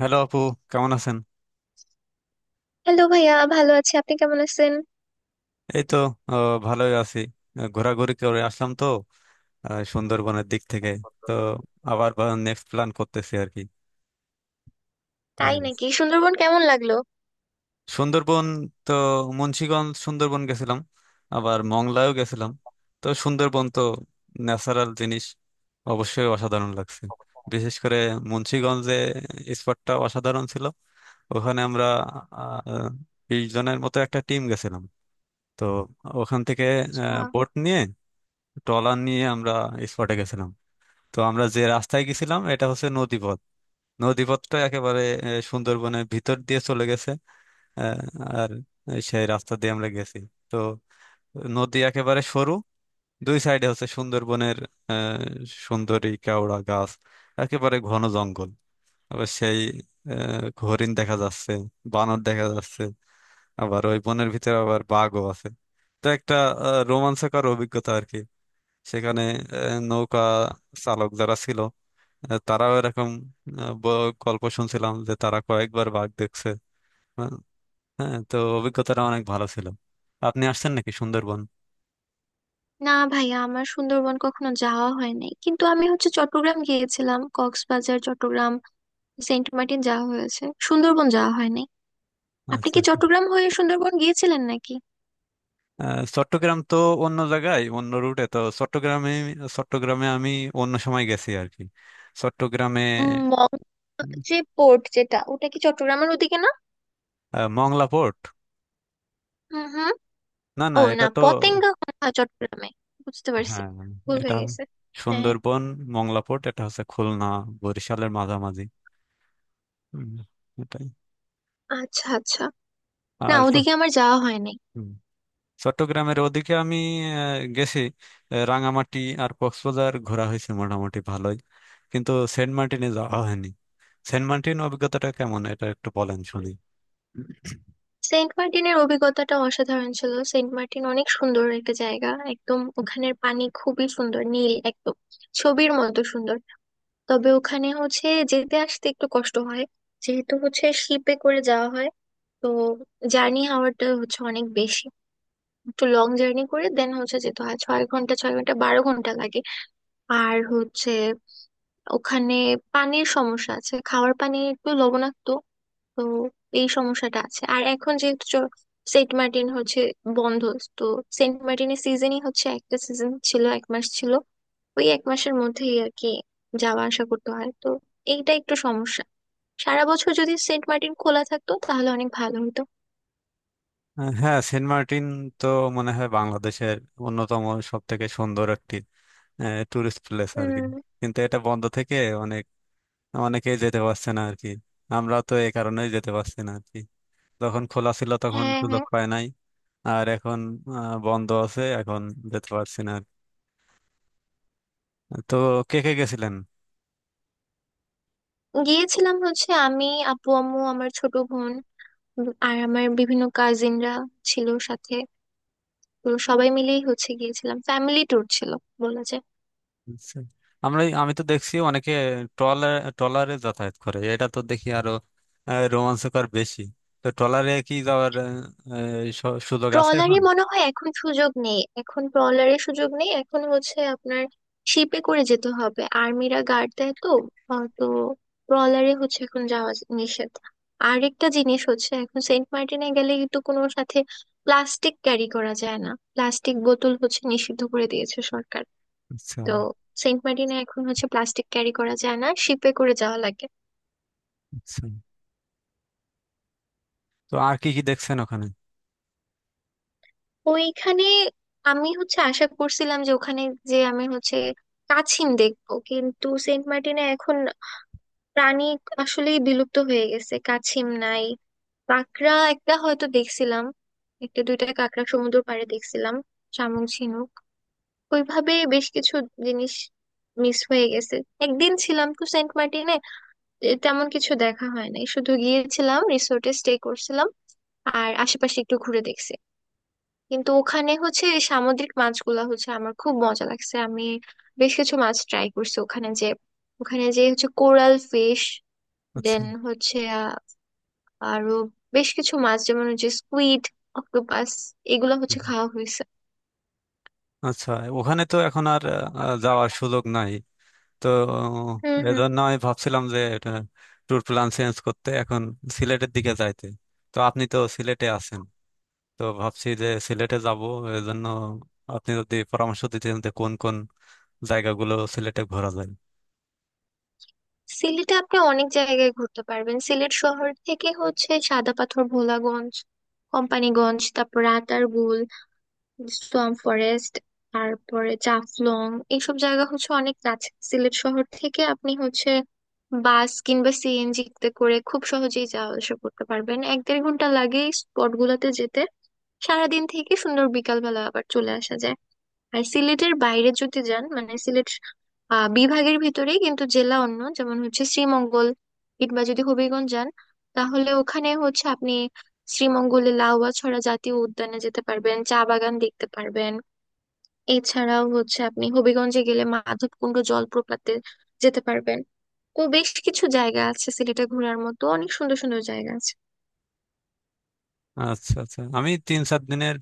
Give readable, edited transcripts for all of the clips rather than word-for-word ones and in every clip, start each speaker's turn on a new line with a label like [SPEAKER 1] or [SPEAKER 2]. [SPEAKER 1] Hello আপু, কেমন আছেন?
[SPEAKER 2] হ্যালো ভাইয়া, ভালো আছি। আপনি কেমন আছেন?
[SPEAKER 1] এই তো ভালোই আছি। ঘোরাঘুরি করে আসলাম তো সুন্দরবনের দিক থেকে। তো আবার নেক্সট প্ল্যান করতেছি আর কি।
[SPEAKER 2] তাই
[SPEAKER 1] এই
[SPEAKER 2] নাকি? সুন্দরবন কেমন লাগলো?
[SPEAKER 1] সুন্দরবন তো মুন্সিগঞ্জ সুন্দরবন গেছিলাম, আবার মংলায়ও গেছিলাম। তো সুন্দরবন তো ন্যাচারাল জিনিস, অবশ্যই অসাধারণ লাগছে। বিশেষ করে মুন্সিগঞ্জে স্পটটা অসাধারণ ছিল। ওখানে আমরা আহ, 20 জনের মতো একটা টিম গেছিলাম। তো ওখান থেকে
[SPEAKER 2] আহ,
[SPEAKER 1] বোট নিয়ে, ট্রলার নিয়ে আমরা স্পটে গেছিলাম। তো আমরা যে রাস্তায় গেছিলাম এটা হচ্ছে নদীপথ। নদীপথটা একেবারে সুন্দরবনের ভিতর দিয়ে চলে গেছে। আহ, আর সেই রাস্তা দিয়ে আমরা গেছি। তো নদী একেবারে সরু, দুই সাইডে হচ্ছে সুন্দরবনের আহ, সুন্দরী কেওড়া গাছ, একেবারে ঘন জঙ্গল। আবার সেই হরিণ দেখা যাচ্ছে, বানর দেখা যাচ্ছে, আবার ওই বনের ভিতরে আবার বাঘও আছে। তো একটা রোমাঞ্চকর অভিজ্ঞতা আর কি। সেখানে নৌকা চালক যারা ছিল, তারাও এরকম গল্প শুনছিলাম যে তারা কয়েকবার বাঘ দেখছে। হ্যাঁ, হ্যাঁ, তো অভিজ্ঞতাটা অনেক ভালো ছিল। আপনি আসছেন নাকি সুন্দরবন?
[SPEAKER 2] না ভাইয়া, আমার সুন্দরবন কখনো যাওয়া হয় নাই, কিন্তু আমি হচ্ছে চট্টগ্রাম গিয়েছিলাম। কক্সবাজার, চট্টগ্রাম, সেন্ট মার্টিন যাওয়া হয়েছে, সুন্দরবন যাওয়া হয় নাই। আপনি
[SPEAKER 1] আচ্ছা,
[SPEAKER 2] কি
[SPEAKER 1] আচ্ছা।
[SPEAKER 2] চট্টগ্রাম হয়ে সুন্দরবন গিয়েছিলেন নাকি?
[SPEAKER 1] চট্টগ্রাম তো অন্য জায়গায়, অন্য রুটে। তো চট্টগ্রামে, আমি অন্য সময় গেছি আর কি। চট্টগ্রামে
[SPEAKER 2] মগ
[SPEAKER 1] উম,
[SPEAKER 2] যে পোর্ট, যেটা ওটা কি চট্টগ্রামের ওদিকে না?
[SPEAKER 1] মংলা পোর্ট।
[SPEAKER 2] হুম হুম।
[SPEAKER 1] না,
[SPEAKER 2] ও
[SPEAKER 1] না,
[SPEAKER 2] না,
[SPEAKER 1] এটা তো,
[SPEAKER 2] পতেঙ্গা মনে হয় চট্টগ্রামে। বুঝতে পারছি,
[SPEAKER 1] হ্যাঁ,
[SPEAKER 2] ভুল
[SPEAKER 1] এটা
[SPEAKER 2] হয়ে গেছে। হ্যাঁ,
[SPEAKER 1] সুন্দরবন, মংলা পোর্ট। এটা হচ্ছে খুলনা বরিশালের মাঝামাঝি। হুম, এটাই।
[SPEAKER 2] আচ্ছা আচ্ছা। না,
[SPEAKER 1] আর
[SPEAKER 2] ওদিকে আমার যাওয়া হয়নি।
[SPEAKER 1] হুম। চট্টগ্রামের ওদিকে আমি গেছি। রাঙামাটি আর কক্সবাজার ঘোরা হয়েছে মোটামুটি ভালোই, কিন্তু সেন্ট মার্টিনে যাওয়া হয়নি। সেন্ট মার্টিন অভিজ্ঞতাটা কেমন, এটা একটু বলেন শুনি।
[SPEAKER 2] সেন্ট মার্টিনের অভিজ্ঞতাটা অসাধারণ ছিল। সেন্ট মার্টিন অনেক সুন্দর একটা জায়গা, একদম ওখানের পানি খুবই সুন্দর নীল, একদম ছবির মতো সুন্দর। তবে ওখানে হচ্ছে যেতে আসতে একটু কষ্ট হয়, যেহেতু হচ্ছে শিপে করে যাওয়া হয়। তো জার্নি আওয়ারটা হচ্ছে অনেক বেশি, একটু লং জার্নি করে দেন হচ্ছে যেতে হয়, 6 ঘন্টা, 6 ঘন্টা, 12 ঘন্টা লাগে। আর হচ্ছে ওখানে পানির সমস্যা আছে, খাওয়ার পানি একটু লবণাক্ত। তো এই সমস্যাটা আছে। আর এখন যেহেতু সেন্ট মার্টিন হচ্ছে বন্ধ। তো সেন্ট মার্টিনের সিজনই হচ্ছে, একটা সিজন ছিল, 1 মাস ছিল। ওই 1 মাসের মধ্যেই আর কি যাওয়া আসা করতে হয়, তো এইটা একটু সমস্যা। সারা বছর যদি সেন্ট মার্টিন খোলা থাকতো, তাহলে অনেক ভালো হতো।
[SPEAKER 1] হ্যাঁ, সেন্ট মার্টিন তো মনে হয় বাংলাদেশের অন্যতম সব থেকে সুন্দর একটি টুরিস্ট প্লেস আর কি।
[SPEAKER 2] হুম।
[SPEAKER 1] কিন্তু এটা বন্ধ থেকে অনেক অনেকেই যেতে পারছে না আর কি। আমরা তো এই কারণেই যেতে পারছি না আর কি। যখন খোলা ছিল তখন
[SPEAKER 2] হ্যাঁ
[SPEAKER 1] সুযোগ
[SPEAKER 2] হ্যাঁ।
[SPEAKER 1] পায় নাই। আর এখন বন্ধ আছে এখন, যেতে পারছি না আর। তো কে কে গেছিলেন?
[SPEAKER 2] গিয়েছিলাম হচ্ছে আমি, আপু, আম্মু, আমার ছোট বোন, আর আমার বিভিন্ন কাজিনরা ছিল সাথে। তো সবাই মিলেই হচ্ছে গিয়েছিলাম, ফ্যামিলি ট্যুর ছিল বলা যায়।
[SPEAKER 1] আচ্ছা। আমি তো দেখছি অনেকে ট্রলারে যাতায়াত করে, এটা তো দেখি আরো রোমাঞ্চকর বেশি। তো ট্রলারে কি যাওয়ার এই সুযোগ আছে
[SPEAKER 2] ট্রলারে
[SPEAKER 1] এখন?
[SPEAKER 2] মনে হয় এখন সুযোগ নেই, এখন ট্রলারে সুযোগ নেই। এখন হচ্ছে আপনার শিপে করে যেতে হবে, আর্মিরা গার্ড দেয় তো। তো ট্রলারে হচ্ছে এখন যাওয়া নিষেধ। আরেকটা জিনিস হচ্ছে এখন সেন্ট মার্টিনে গেলে কিন্তু কোনো সাথে প্লাস্টিক ক্যারি করা যায় না, প্লাস্টিক বোতল হচ্ছে নিষিদ্ধ করে দিয়েছে সরকার।
[SPEAKER 1] আচ্ছা,
[SPEAKER 2] তো সেন্ট মার্টিনে এখন হচ্ছে প্লাস্টিক ক্যারি করা যায় না, শিপে করে যাওয়া লাগে।
[SPEAKER 1] আচ্ছা। তো আর কি কি দেখছেন ওখানে?
[SPEAKER 2] ওইখানে আমি হচ্ছে আশা করছিলাম যে ওখানে, যে আমি হচ্ছে কাছিম দেখবো, কিন্তু সেন্ট মার্টিনে এখন প্রাণী আসলেই বিলুপ্ত হয়ে গেছে, কাছিম নাই। কাঁকড়া একটা হয়তো দেখছিলাম, একটা দুইটা কাঁকড়া সমুদ্র পাড়ে দেখছিলাম। শামুক ঝিনুক ওইভাবে বেশ কিছু জিনিস মিস হয়ে গেছে। একদিন ছিলাম তো সেন্ট মার্টিনে, তেমন কিছু দেখা হয় নাই, শুধু গিয়েছিলাম রিসোর্টে স্টে করছিলাম আর আশেপাশে একটু ঘুরে দেখছি। কিন্তু ওখানে হচ্ছে এই সামুদ্রিক মাছগুলা হচ্ছে আমার খুব মজা লাগছে, আমি বেশ কিছু মাছ ট্রাই করছি ওখানে। ওখানে যে হচ্ছে কোরাল ফিশ,
[SPEAKER 1] আচ্ছা।
[SPEAKER 2] দেন হচ্ছে আরো বেশ কিছু মাছ, যেমন হচ্ছে স্কুইড, অক্টোপাস, এগুলো হচ্ছে
[SPEAKER 1] হুম।
[SPEAKER 2] খাওয়া হয়েছে।
[SPEAKER 1] আচ্ছা। ওখানে তো এখন আর যাওয়ার সুযোগ নাই। তো
[SPEAKER 2] হুম হুম।
[SPEAKER 1] এজন্য আমি ভাবছিলাম যে এটা ট্যুর প্ল্যান চেঞ্জ করতে, এখন সিলেটের দিকে যাইতে। তো আপনি তো সিলেটে আছেন, তো ভাবছি যে সিলেটে যাব। এজন্য আপনি যদি পরামর্শ দিতেন যে কোন কোন জায়গাগুলো সিলেটে ঘোরা যায়।
[SPEAKER 2] সিলেটে আপনি অনেক জায়গায় ঘুরতে পারবেন। সিলেট শহর থেকে হচ্ছে সাদা পাথর, ভোলাগঞ্জ, কোম্পানিগঞ্জ, তারপর রাতারগুল সোয়াম ফরেস্ট, তারপরে জাফলং। এইসব জায়গা হচ্ছে অনেক কাছে সিলেট শহর থেকে। আপনি হচ্ছে বাস কিংবা সিএনজি তে করে খুব সহজেই যাওয়া আসা করতে পারবেন, এক দেড় ঘন্টা লাগে স্পট গুলাতে যেতে। সারাদিন থেকে সুন্দর বিকাল বেলা আবার চলে আসা যায়। আর সিলেটের বাইরে যদি যান, মানে সিলেট বিভাগের ভিতরেই কিন্তু জেলা অন্য, যেমন হচ্ছে শ্রীমঙ্গল কিংবা যদি হবিগঞ্জ যান, তাহলে ওখানে হচ্ছে আপনি শ্রীমঙ্গলে লাউয়াছড়া জাতীয় উদ্যানে যেতে পারবেন, চা বাগান দেখতে পারবেন। এছাড়াও হচ্ছে আপনি হবিগঞ্জে গেলে মাধবকুণ্ড জলপ্রপাতে যেতে পারবেন। ও বেশ কিছু জায়গা আছে সিলেটে ঘোরার মতো, অনেক সুন্দর সুন্দর জায়গা আছে।
[SPEAKER 1] আচ্ছা, আচ্ছা। আমি 3-4 দিনের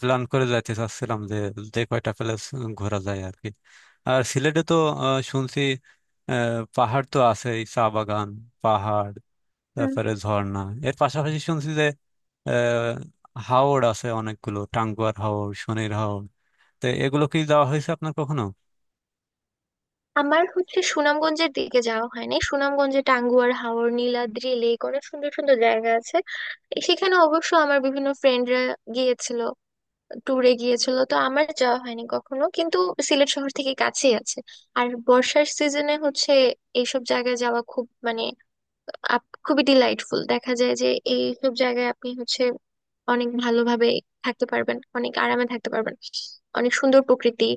[SPEAKER 1] প্ল্যান করে যাইতে চাচ্ছিলাম যে যে কয়টা প্লেস ঘোরা যায় আর কি। আর সিলেটে তো শুনছি আহ, পাহাড় তো আছেই, চা বাগান, পাহাড়,
[SPEAKER 2] হুম।
[SPEAKER 1] তারপরে ঝর্ণা। এর পাশাপাশি শুনছি আহ, হাওর আছে অনেকগুলো, টাঙ্গুয়ার হাওর, শনির হাওর। তো এগুলো কি যাওয়া হয়েছে আপনার কখনো?
[SPEAKER 2] আমার হচ্ছে সুনামগঞ্জের দিকে যাওয়া হয়নি। সুনামগঞ্জে টাঙ্গুয়ার হাওর, নীলাদ্রি লেক, অনেক সুন্দর সুন্দর জায়গা আছে। এ সেখানে অবশ্য আমার বিভিন্ন ফ্রেন্ডরা গিয়েছিল, ট্যুরে গিয়েছিল, তো আমার যাওয়া হয়নি কখনো, কিন্তু সিলেট শহর থেকে কাছেই আছে। আর বর্ষার সিজনে হচ্ছে এইসব জায়গায় যাওয়া খুব মানে খুবই ডিলাইটফুল দেখা যায়, যে এইসব জায়গায় আপনি হচ্ছে অনেক ভালোভাবে থাকতে পারবেন, অনেক আরামে থাকতে পারবেন। অনেক সুন্দর প্রকৃতি,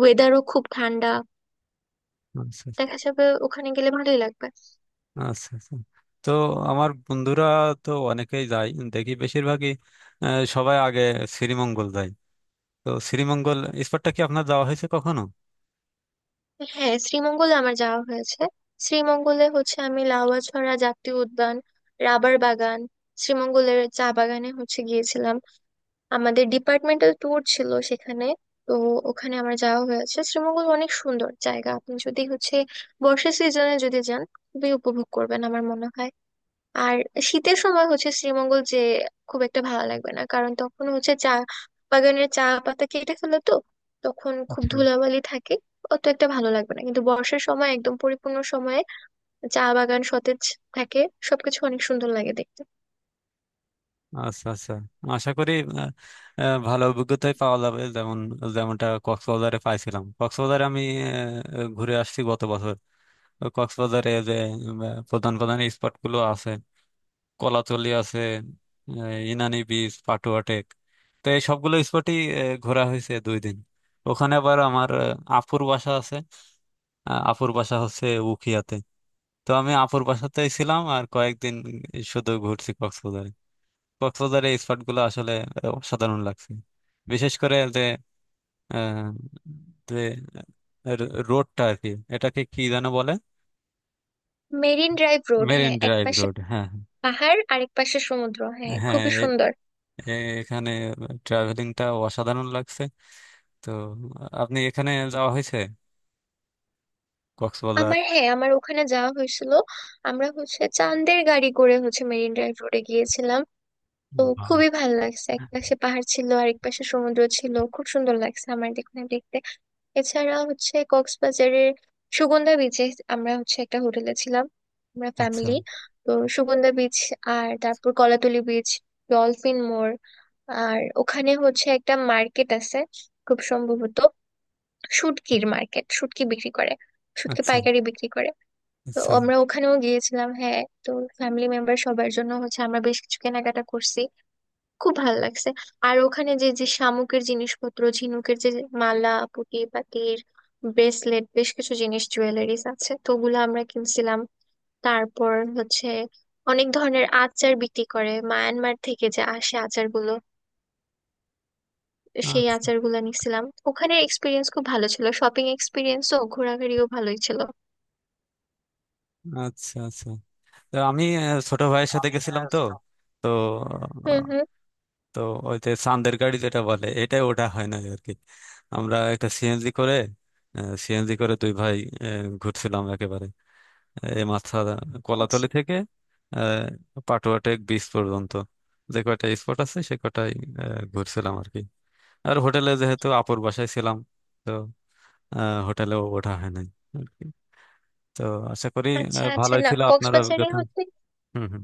[SPEAKER 2] ওয়েদারও খুব ঠান্ডা
[SPEAKER 1] আচ্ছা,
[SPEAKER 2] দেখা যাবে ওখানে গেলে, ভালোই লাগবে।
[SPEAKER 1] আচ্ছা, আচ্ছা। তো আমার বন্ধুরা তো অনেকেই যায় দেখি, বেশিরভাগই আহ, সবাই আগে শ্রীমঙ্গল যায়। তো শ্রীমঙ্গল স্পটটা কি আপনার যাওয়া হয়েছে কখনো?
[SPEAKER 2] হ্যাঁ, শ্রীমঙ্গলে আমার যাওয়া হয়েছে। শ্রীমঙ্গলে হচ্ছে আমি লাউয়াছড়া জাতীয় উদ্যান, রাবার বাগান, শ্রীমঙ্গলের চা বাগানে হচ্ছে গিয়েছিলাম, আমাদের ডিপার্টমেন্টাল ট্যুর ছিল সেখানে। তো ওখানে আমার যাওয়া হয়েছে। শ্রীমঙ্গল অনেক সুন্দর জায়গা। আপনি যদি হচ্ছে বর্ষা সিজনে যদি যান, খুবই উপভোগ করবেন আমার মনে হয়। আর শীতের সময় হচ্ছে শ্রীমঙ্গল যে খুব একটা ভালো লাগবে না, কারণ তখন হচ্ছে চা বাগানের চা পাতা কেটে ফেলে তো, তখন খুব
[SPEAKER 1] আচ্ছা,
[SPEAKER 2] ধুলাবালি থাকে, অত একটা ভালো লাগবে না। কিন্তু বর্ষার সময় একদম পরিপূর্ণ সময়ে চা বাগান সতেজ থাকে, সবকিছু অনেক সুন্দর লাগে দেখতে।
[SPEAKER 1] আচ্ছা, আচ্ছা। আশা করি আহ, ভালো অভিজ্ঞতাই পাওয়া যাবে যেমন, যেমনটা কক্সবাজারে পাইছিলাম। কক্সবাজারে আমি ঘুরে আসছি গত বছর। তো কক্সবাজারে যে প্রধান প্রধান স্পট গুলো আছে, কলাতলি আছে, ইনানি বিচ, পাটুয়া টেক। তো এই সবগুলো স্পটই ঘোরা হয়েছে 2 দিন। ওখানে আবার আমার আপুর বাসা আছে। আপুর বাসা হচ্ছে উখিয়াতে। তো আমি আপুর বাসাতেই ছিলাম, আর কয়েকদিন শুধু ঘুরছি কক্সবাজারে। কক্সবাজারে এই স্পট গুলো আসলে অসাধারণ লাগছে। বিশেষ করে যে আহ, যে রোডটা আর কি, এটাকে কি যেন বলে।
[SPEAKER 2] মেরিন ড্রাইভ রোড,
[SPEAKER 1] মেরিন
[SPEAKER 2] হ্যাঁ,
[SPEAKER 1] ড্রাইভ
[SPEAKER 2] একপাশে
[SPEAKER 1] রোড। হ্যাঁ,
[SPEAKER 2] পাহাড় আর এক পাশে সমুদ্র, হ্যাঁ
[SPEAKER 1] হ্যাঁ, হ্যাঁ,
[SPEAKER 2] খুবই সুন্দর।
[SPEAKER 1] এ- এখানে ট্রাভেলিংটা অসাধারণ লাগছে। তো আপনি এখানে যাওয়া হয়েছে কক্সবাজার?
[SPEAKER 2] আমার, হ্যাঁ আমার ওখানে যাওয়া হয়েছিল। আমরা হচ্ছে চাঁদের গাড়ি করে হচ্ছে মেরিন ড্রাইভ রোডে গিয়েছিলাম। তো
[SPEAKER 1] বাহ।
[SPEAKER 2] খুবই ভালো লাগছে, এক পাশে পাহাড় ছিল আর এক পাশে সমুদ্র ছিল, খুব সুন্দর লাগছে আমার দেখুন দেখতে। এছাড়া হচ্ছে কক্সবাজারের সুগন্ধা বিচে আমরা হচ্ছে একটা হোটেলে ছিলাম, আমরা
[SPEAKER 1] আচ্ছা।
[SPEAKER 2] ফ্যামিলি। তো সুগন্ধা বিচ, আর তারপর কলাতলি বিচ, ডলফিন মোড়, আর ওখানে হচ্ছে একটা মার্কেট আছে খুব সম্ভবত শুটকির মার্কেট, শুটকি বিক্রি করে, শুটকি
[SPEAKER 1] আচ্ছা।
[SPEAKER 2] পাইকারি বিক্রি করে। তো
[SPEAKER 1] আচ্ছা।
[SPEAKER 2] আমরা ওখানেও গিয়েছিলাম, হ্যাঁ। তো ফ্যামিলি মেম্বার সবার জন্য হচ্ছে আমরা বেশ কিছু কেনাকাটা করছি, খুব ভালো লাগছে। আর ওখানে যে যে শামুকের জিনিসপত্র, ঝিনুকের যে মালা, পুঁতি পাতির ব্রেসলেট, বেশ কিছু জিনিস জুয়েলারিস আছে, তো ওগুলো আমরা কিনছিলাম। তারপর হচ্ছে অনেক ধরনের আচার বিক্রি করে, মায়ানমার থেকে যে আসে আচারগুলো, সেই
[SPEAKER 1] আচ্ছা।
[SPEAKER 2] আচারগুলো নিছিলাম। ওখানের এক্সপিরিয়েন্স খুব ভালো ছিল, শপিং এক্সপিরিয়েন্সও, ঘোরাঘুরিও ভালোই ছিল।
[SPEAKER 1] আচ্ছা, আচ্ছা। তো আমি ছোট ভাইয়ের সাথে গেছিলাম। তো তো
[SPEAKER 2] হুম
[SPEAKER 1] আহ,
[SPEAKER 2] হুম।
[SPEAKER 1] তো ওই যে চান্দের গাড়ি যেটা বলে এটাই, ওটা হয় না আর কি। আমরা একটা সিএনজি করে দুই ভাই ঘুরছিলাম, একেবারে এই মাথা
[SPEAKER 2] আচ্ছা
[SPEAKER 1] কলাতলি থেকে আহ, পাটুয়াটেক বিচ পর্যন্ত যে কয়টা স্পট আছে সে কটাই ঘুরছিলাম আর কি। আর হোটেলে, যেহেতু আপুর বাসায় ছিলাম, তো হোটেলেও ওঠা হয় নাই আর কি। তো আশা করি
[SPEAKER 2] আচ্ছা আচ্ছা,
[SPEAKER 1] ভালোই
[SPEAKER 2] না
[SPEAKER 1] ছিল আপনার
[SPEAKER 2] কক্সবাজারে
[SPEAKER 1] অভিজ্ঞতা।
[SPEAKER 2] হচ্ছে
[SPEAKER 1] হুম, হুম।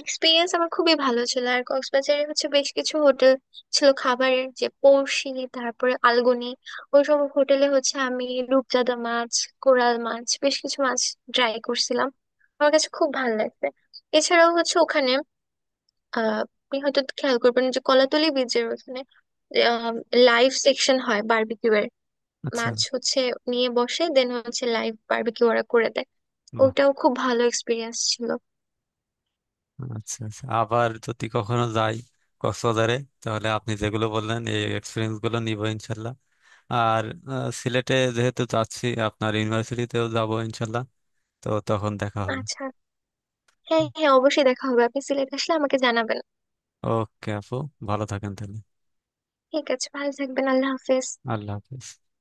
[SPEAKER 2] এক্সপিরিয়েন্স আমার খুবই ভালো ছিল। আর কক্সবাজারে হচ্ছে বেশ কিছু হোটেল ছিল খাবারের, যে পড়শি, তারপরে আলগনি, ওইসব হোটেলে হচ্ছে আমি রূপচাঁদা মাছ, কোরাল মাছ, বেশ কিছু মাছ ট্রাই করছিলাম, আমার কাছে খুব ভালো লাগছে। এছাড়াও হচ্ছে ওখানে আহ আপনি হয়তো খেয়াল করবেন যে কলাতলি বীচের ওখানে লাইভ সেকশন হয় বারবিকিউ এর,
[SPEAKER 1] আচ্ছা।
[SPEAKER 2] মাছ হচ্ছে নিয়ে বসে দেন হচ্ছে লাইভ বারবিকিউ ওরা করে দেয়।
[SPEAKER 1] বাহ।
[SPEAKER 2] ওটাও খুব ভালো এক্সপিরিয়েন্স ছিল।
[SPEAKER 1] আচ্ছা, আচ্ছা, আবার যদি কখনো যাই কক্সবাজারে, তাহলে আপনি যেগুলো বললেন এই এক্সপিরিয়েন্স গুলো নিবো ইনশাল্লাহ। আর সিলেটে যেহেতু যাচ্ছি, আপনার ইউনিভার্সিটিতেও যাবো ইনশাল্লাহ। তো তখন দেখা হবে।
[SPEAKER 2] আচ্ছা। হ্যাঁ হ্যাঁ, অবশ্যই দেখা হবে, আপনি সিলেট আসলে আমাকে জানাবেন।
[SPEAKER 1] ওকে আপু, ভালো থাকেন তাহলে।
[SPEAKER 2] ঠিক আছে, ভালো থাকবেন, আল্লাহ হাফেজ।
[SPEAKER 1] আল্লাহ হাফিজ।